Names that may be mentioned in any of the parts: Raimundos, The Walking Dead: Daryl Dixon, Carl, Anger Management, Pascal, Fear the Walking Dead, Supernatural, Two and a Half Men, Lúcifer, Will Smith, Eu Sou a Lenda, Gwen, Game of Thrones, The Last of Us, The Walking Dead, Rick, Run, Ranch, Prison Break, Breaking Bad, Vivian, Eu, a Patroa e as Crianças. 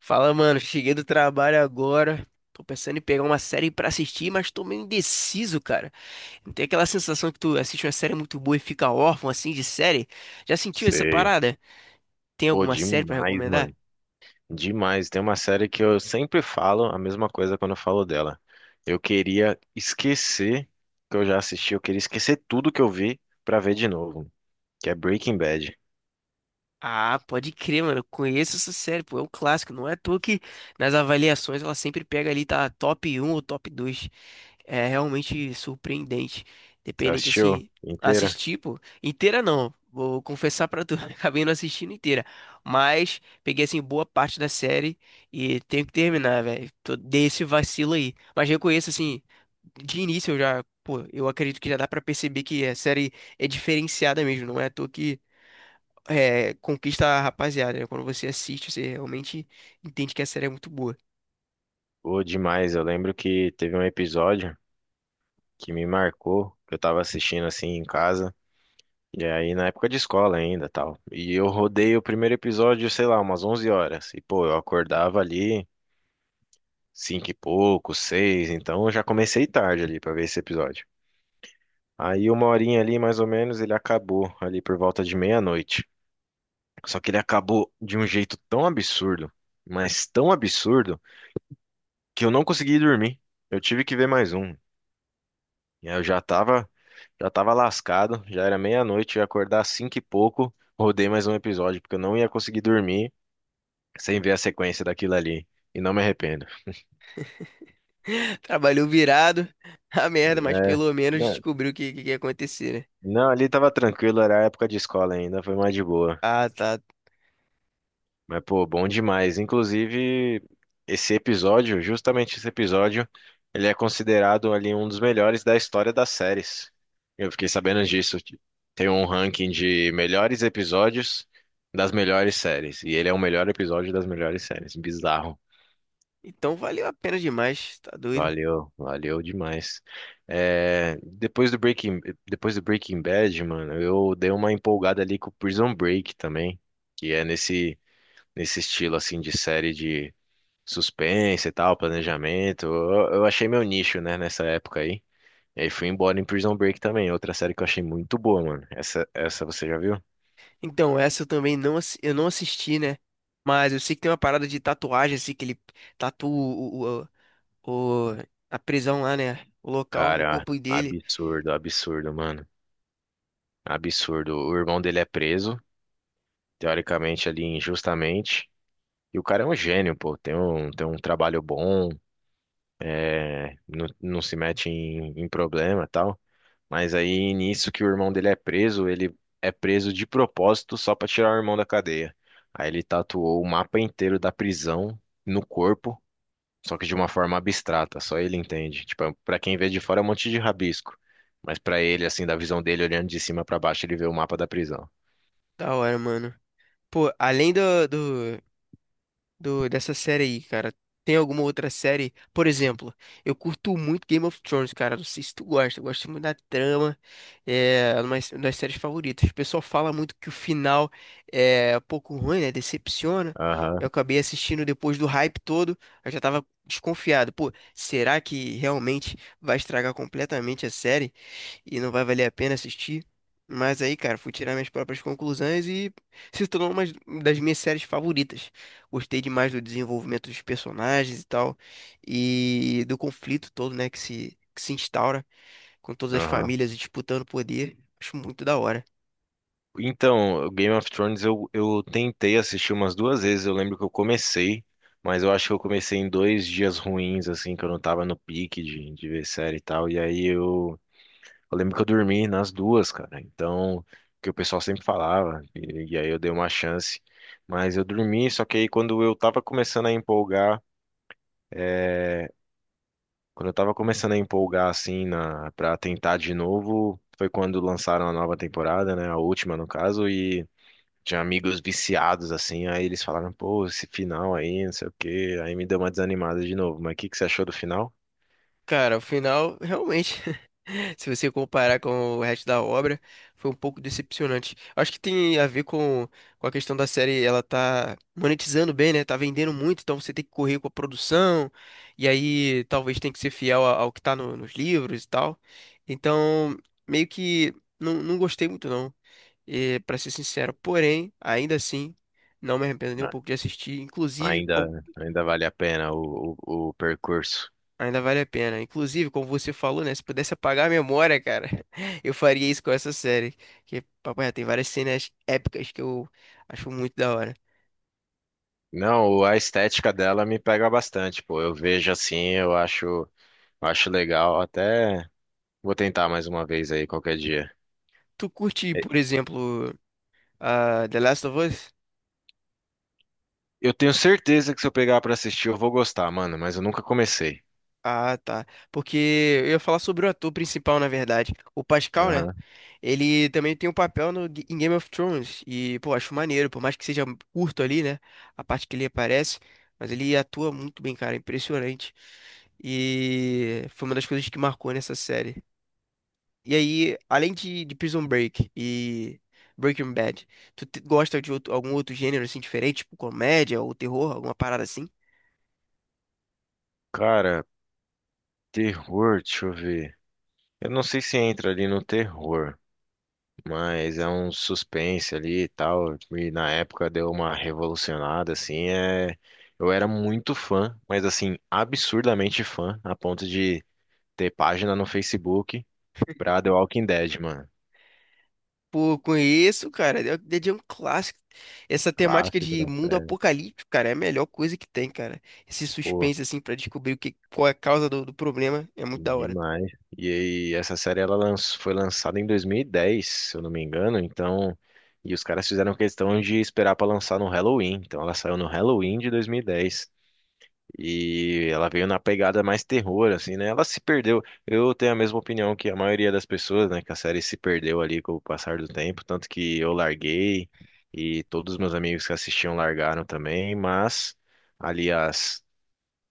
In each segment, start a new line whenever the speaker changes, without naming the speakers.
Fala, mano. Cheguei do trabalho agora. Tô pensando em pegar uma série pra assistir, mas tô meio indeciso, cara. Não tem aquela sensação que tu assiste uma série muito boa e fica órfão assim de série? Já sentiu essa
Sei.
parada? Tem
Pô,
alguma série pra
demais,
recomendar?
mano. Demais. Tem uma série que eu sempre falo a mesma coisa quando eu falo dela. Eu queria esquecer que eu já assisti, eu queria esquecer tudo que eu vi pra ver de novo, que é Breaking Bad.
Ah, pode crer, mano. Eu conheço essa série, pô. É um clássico. Não é à toa que nas avaliações ela sempre pega ali, tá top um ou top dois. É realmente surpreendente.
Você
Dependente,
assistiu
assim,
inteira?
assistir, pô, inteira não. Vou confessar pra tu, acabei não assistindo inteira. Mas peguei, assim, boa parte da série e tenho que terminar, velho. Dei esse vacilo aí. Mas reconheço, assim, de início eu já, pô, eu acredito que já dá pra perceber que a série é diferenciada mesmo. Não é à toa que é, conquista a rapaziada, né? Quando você assiste, você realmente entende que a série é muito boa.
Pô, demais. Eu lembro que teve um episódio que me marcou, que eu tava assistindo assim em casa, e aí na época de escola ainda, tal. E eu rodei o primeiro episódio, sei lá, umas 11 horas. E pô, eu acordava ali cinco e pouco, seis, então eu já comecei tarde ali pra ver esse episódio. Aí uma horinha ali, mais ou menos, ele acabou ali por volta de meia-noite. Só que ele acabou de um jeito tão absurdo, mas tão absurdo, que eu não consegui dormir. Eu tive que ver mais um. E aí eu já tava lascado, já era meia-noite, eu ia acordar às cinco e pouco, rodei mais um episódio, porque eu não ia conseguir dormir sem ver a sequência daquilo ali. E não me arrependo.
Trabalhou virado, a merda, mas
É,
pelo menos
né,
descobriu que que ia acontecer, né?
não, ali tava tranquilo, era época de escola ainda, foi mais de boa.
Ah, tá.
Mas, pô, bom demais. Inclusive, justamente esse episódio, ele é considerado ali um dos melhores da história das séries. Eu fiquei sabendo disso. Tem um ranking de melhores episódios das melhores séries. E ele é o melhor episódio das melhores séries. Bizarro.
Então valeu a pena demais, tá doido?
Valeu, valeu demais. É, depois do Breaking Bad, mano, eu dei uma empolgada ali com o Prison Break também, que é nesse estilo assim de série de suspense e tal, planejamento. Eu achei meu nicho, né, nessa época aí. E aí fui embora em Prison Break também, outra série que eu achei muito boa, mano. Essa você já viu?
Então, essa eu também não, eu não assisti, né? Mas eu sei que tem uma parada de tatuagem, assim, que ele tatua o, o- o- a prisão lá, né? O local, no
Cara,
corpo dele.
absurdo, absurdo, mano. Absurdo. O irmão dele é preso, teoricamente ali injustamente. E o cara é um gênio, pô. Tem um trabalho bom, é, não, não se mete em, em problema e tal. Mas aí, nisso que o irmão dele é preso, ele é preso de propósito só pra tirar o irmão da cadeia. Aí ele tatuou o mapa inteiro da prisão no corpo, só que de uma forma abstrata, só ele entende. Tipo, é um, pra quem vê de fora é um monte de rabisco, mas pra ele, assim, da visão dele, olhando de cima pra baixo, ele vê o mapa da prisão.
Da hora, mano. Pô, além do, dessa série aí, cara. Tem alguma outra série? Por exemplo, eu curto muito Game of Thrones, cara. Não sei se tu gosta, eu gosto muito da trama. É uma das séries favoritas. O pessoal fala muito que o final é um pouco ruim, né? Decepciona.
Aham,
Eu acabei assistindo depois do hype todo. Eu já tava desconfiado. Pô, será que realmente vai estragar completamente a série e não vai valer a pena assistir? Mas aí, cara, fui tirar minhas próprias conclusões e se tornou uma das minhas séries favoritas. Gostei demais do desenvolvimento dos personagens e tal, e do conflito todo, né, que se instaura com todas as
aham.
famílias disputando poder. Acho muito da hora.
Então, Game of Thrones eu tentei assistir umas duas vezes. Eu lembro que eu comecei, mas eu acho que eu comecei em dois dias ruins, assim, que eu não tava no pique de ver série e tal. E aí eu lembro que eu dormi nas duas, cara. Então, que o pessoal sempre falava, e aí eu dei uma chance. Mas eu dormi, só que aí quando eu tava começando a empolgar, é, quando eu tava começando a empolgar, assim, na, pra tentar de novo, foi quando lançaram a nova temporada, né? A última, no caso, e. Tinha amigos viciados, assim, aí eles falaram, pô, esse final aí, não sei o quê. Aí me deu uma desanimada de novo. Mas o que que você achou do final?
Cara, o final, realmente, se você comparar com o resto da obra, foi um pouco decepcionante. Acho que tem a ver com a questão da série, ela tá monetizando bem, né? Tá vendendo muito, então você tem que correr com a produção, e aí talvez tem que ser fiel ao que tá nos livros e tal. Então, meio que não gostei muito, não, e, pra ser sincero. Porém, ainda assim, não me arrependo nem um
Ah,
pouco de assistir. Inclusive,
ainda, ainda vale a pena o percurso.
ainda vale a pena. Inclusive, como você falou, né? Se pudesse apagar a memória, cara, eu faria isso com essa série. Que, papai, tem várias cenas épicas que eu acho muito da hora.
Não, a estética dela me pega bastante, pô. Eu vejo assim, eu acho legal. Até vou tentar mais uma vez aí qualquer dia.
Tu curte,
E-
por exemplo, a The Last of Us?
Eu tenho certeza que se eu pegar pra assistir, eu vou gostar, mano, mas eu nunca comecei.
Ah, tá. Porque eu ia falar sobre o ator principal, na verdade. O Pascal, né?
Aham.
Ele também tem um papel no, G- em Game of Thrones. E, pô, acho maneiro. Por mais que seja curto ali, né? A parte que ele aparece. Mas ele atua muito bem, cara. Impressionante. E foi uma das coisas que marcou nessa série. E aí, além de Prison Break e Breaking Bad, tu gosta de algum outro gênero, assim, diferente? Tipo comédia ou terror? Alguma parada assim?
Cara, terror, deixa eu ver. Eu não sei se entra ali no terror. Mas é um suspense ali e tal. E na época deu uma revolucionada, assim. Eu era muito fã, mas assim, absurdamente fã, a ponto de ter página no Facebook pra The Walking Dead, mano.
Pô, conheço, cara. The Walking Dead é um clássico. Essa temática
Clássico
de
da
mundo
série.
apocalíptico, cara, é a melhor coisa que tem, cara. Esse
Pô,
suspense, assim, pra descobrir o que, qual é a causa do problema, é muito da hora.
demais. E aí, essa série ela lanç- foi lançada em 2010, se eu não me engano, então. E os caras fizeram questão de esperar pra lançar no Halloween. Então ela saiu no Halloween de 2010. E ela veio na pegada mais terror, assim, né? Ela se perdeu. Eu tenho a mesma opinião que a maioria das pessoas, né? Que a série se perdeu ali com o passar do tempo. Tanto que eu larguei e todos os meus amigos que assistiam largaram também. Mas ali as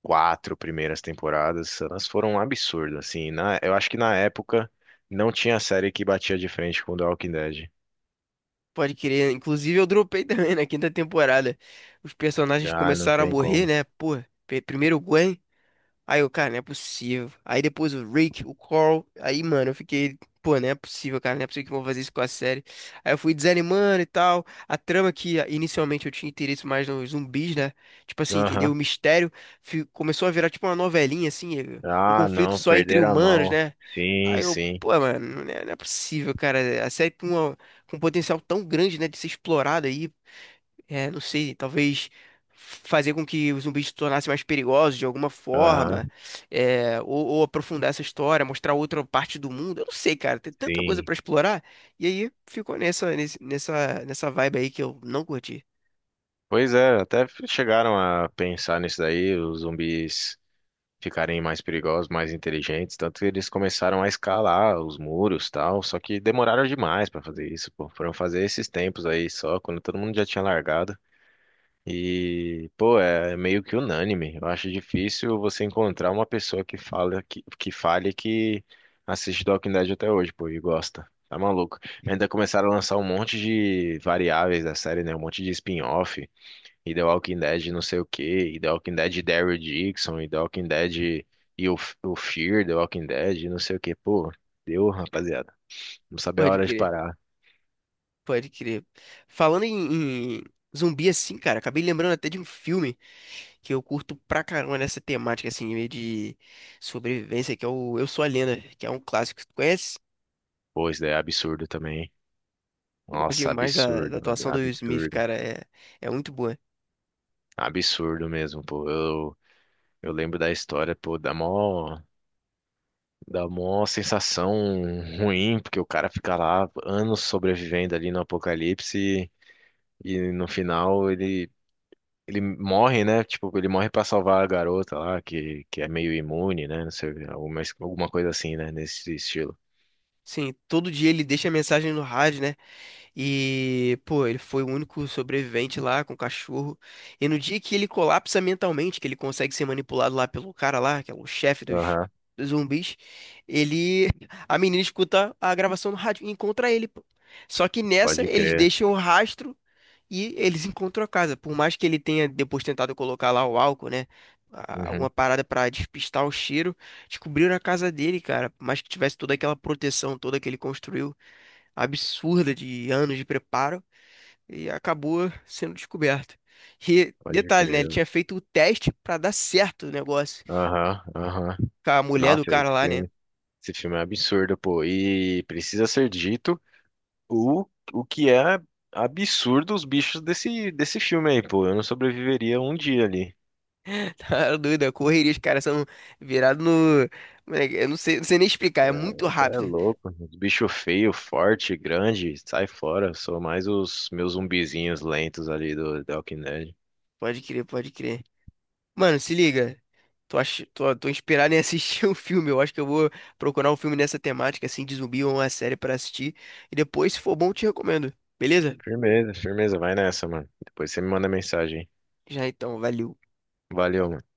quatro primeiras temporadas, elas foram um absurdo, assim. Na, eu acho que na época não tinha série que batia de frente com The Walking Dead.
Pode crer. Inclusive, eu dropei também na quinta temporada. Os personagens
Ah, não
começaram a
tem
morrer,
como.
né? Pô, primeiro o Gwen. Aí eu, cara, não é possível. Aí depois o Rick, o Carl. Aí, mano, eu fiquei, pô, não é possível, cara, não é possível que vão fazer isso com a série. Aí eu fui desanimando e tal. A trama que ah, inicialmente eu tinha interesse mais nos zumbis, né? Tipo assim, entendeu?
Aham.
O mistério começou a virar tipo uma novelinha, assim, um
Ah,
conflito
não,
só entre
perderam a
humanos,
mão.
né? Aí
Sim,
eu,
sim.
pô, mano, não é possível, cara. A série com um potencial tão grande, né, de ser explorada aí. É, não sei, talvez fazer com que os zumbis se tornassem mais perigosos de alguma
Aham,
forma, é, ou aprofundar essa história, mostrar outra parte do mundo. Eu não sei, cara, tem tanta coisa
sim.
pra explorar. E aí ficou nessa vibe aí que eu não curti.
Pois é, até chegaram a pensar nisso daí, os zumbis ficarem mais perigosos, mais inteligentes, tanto que eles começaram a escalar os muros, tal, só que demoraram demais pra fazer isso, pô. Foram fazer esses tempos aí só, quando todo mundo já tinha largado. E, pô, é meio que unânime. Eu acho difícil você encontrar uma pessoa que fala que fale que assiste The Walking Dead até hoje, pô, e gosta. Tá maluco. Ainda começaram a lançar um monte de variáveis da série, né? Um monte de spin-off. E The Walking Dead não sei o quê, e The Walking Dead Daryl Dixon, e The Walking Dead e o Fear, The Walking Dead, e não sei o quê. Pô, deu, rapaziada. Não sabia a
Pode
hora de
crer,
parar.
pode crer. Falando em zumbi assim, cara, acabei lembrando até de um filme que eu curto pra caramba nessa temática assim, meio de sobrevivência, que é o Eu Sou a Lenda, que é um clássico. Tu conhece?
Pô, isso daí é absurdo também, hein?
Eu gosto
Nossa,
demais da
absurdo, ab-
atuação do Will Smith,
absurdo.
cara. É, é muito boa.
Absurdo mesmo, pô. Eu lembro da história, pô, dá mó sensação ruim, porque o cara fica lá anos sobrevivendo ali no apocalipse e no final ele morre, né? Tipo, ele morre pra salvar a garota lá, que é meio imune, né? Não sei, alguma, alguma coisa assim, né? Nesse estilo.
Sim, todo dia ele deixa a mensagem no rádio, né? E, pô, ele foi o único sobrevivente lá com o cachorro. E no dia que ele colapsa mentalmente, que ele consegue ser manipulado lá pelo cara lá, que é o chefe dos,
Aham,
dos zumbis, ele. A menina escuta a gravação no rádio e encontra ele, pô. Só que nessa,
pode
eles
crer.
deixam o rastro. E eles encontram a casa. Por mais que ele tenha depois tentado colocar lá o álcool, né? Alguma
Uhum,
parada pra despistar o cheiro, descobriram a casa dele, cara. Por mais que tivesse toda aquela proteção toda que ele construiu, absurda de anos de preparo, e acabou sendo descoberto. E
pode
detalhe, né? Ele
crer.
tinha feito o teste pra dar certo o negócio.
Aham, aham.
Com a mulher do
Nossa,
cara
esse
lá, né?
filme, esse filme é absurdo, pô. E precisa ser dito o, o que é absurdo os bichos desse, desse filme aí, pô. Eu não sobreviveria um dia ali.
Tá doida, correria. Os caras são virados no. Moleque, eu não sei, não sei nem explicar, é muito
Você é
rápido.
louco, os bichos feios, forte, grande, sai fora. Sou mais os meus zumbizinhos lentos ali do Walking Dead.
Pode crer, pode crer. Mano, se liga. Tô inspirado em assistir um filme. Eu acho que eu vou procurar um filme nessa temática, assim, de zumbi ou uma série pra assistir. E depois, se for bom, eu te recomendo. Beleza?
Firmeza, firmeza, vai nessa, mano. Depois você me manda mensagem.
Já então, valeu.
Valeu, mano.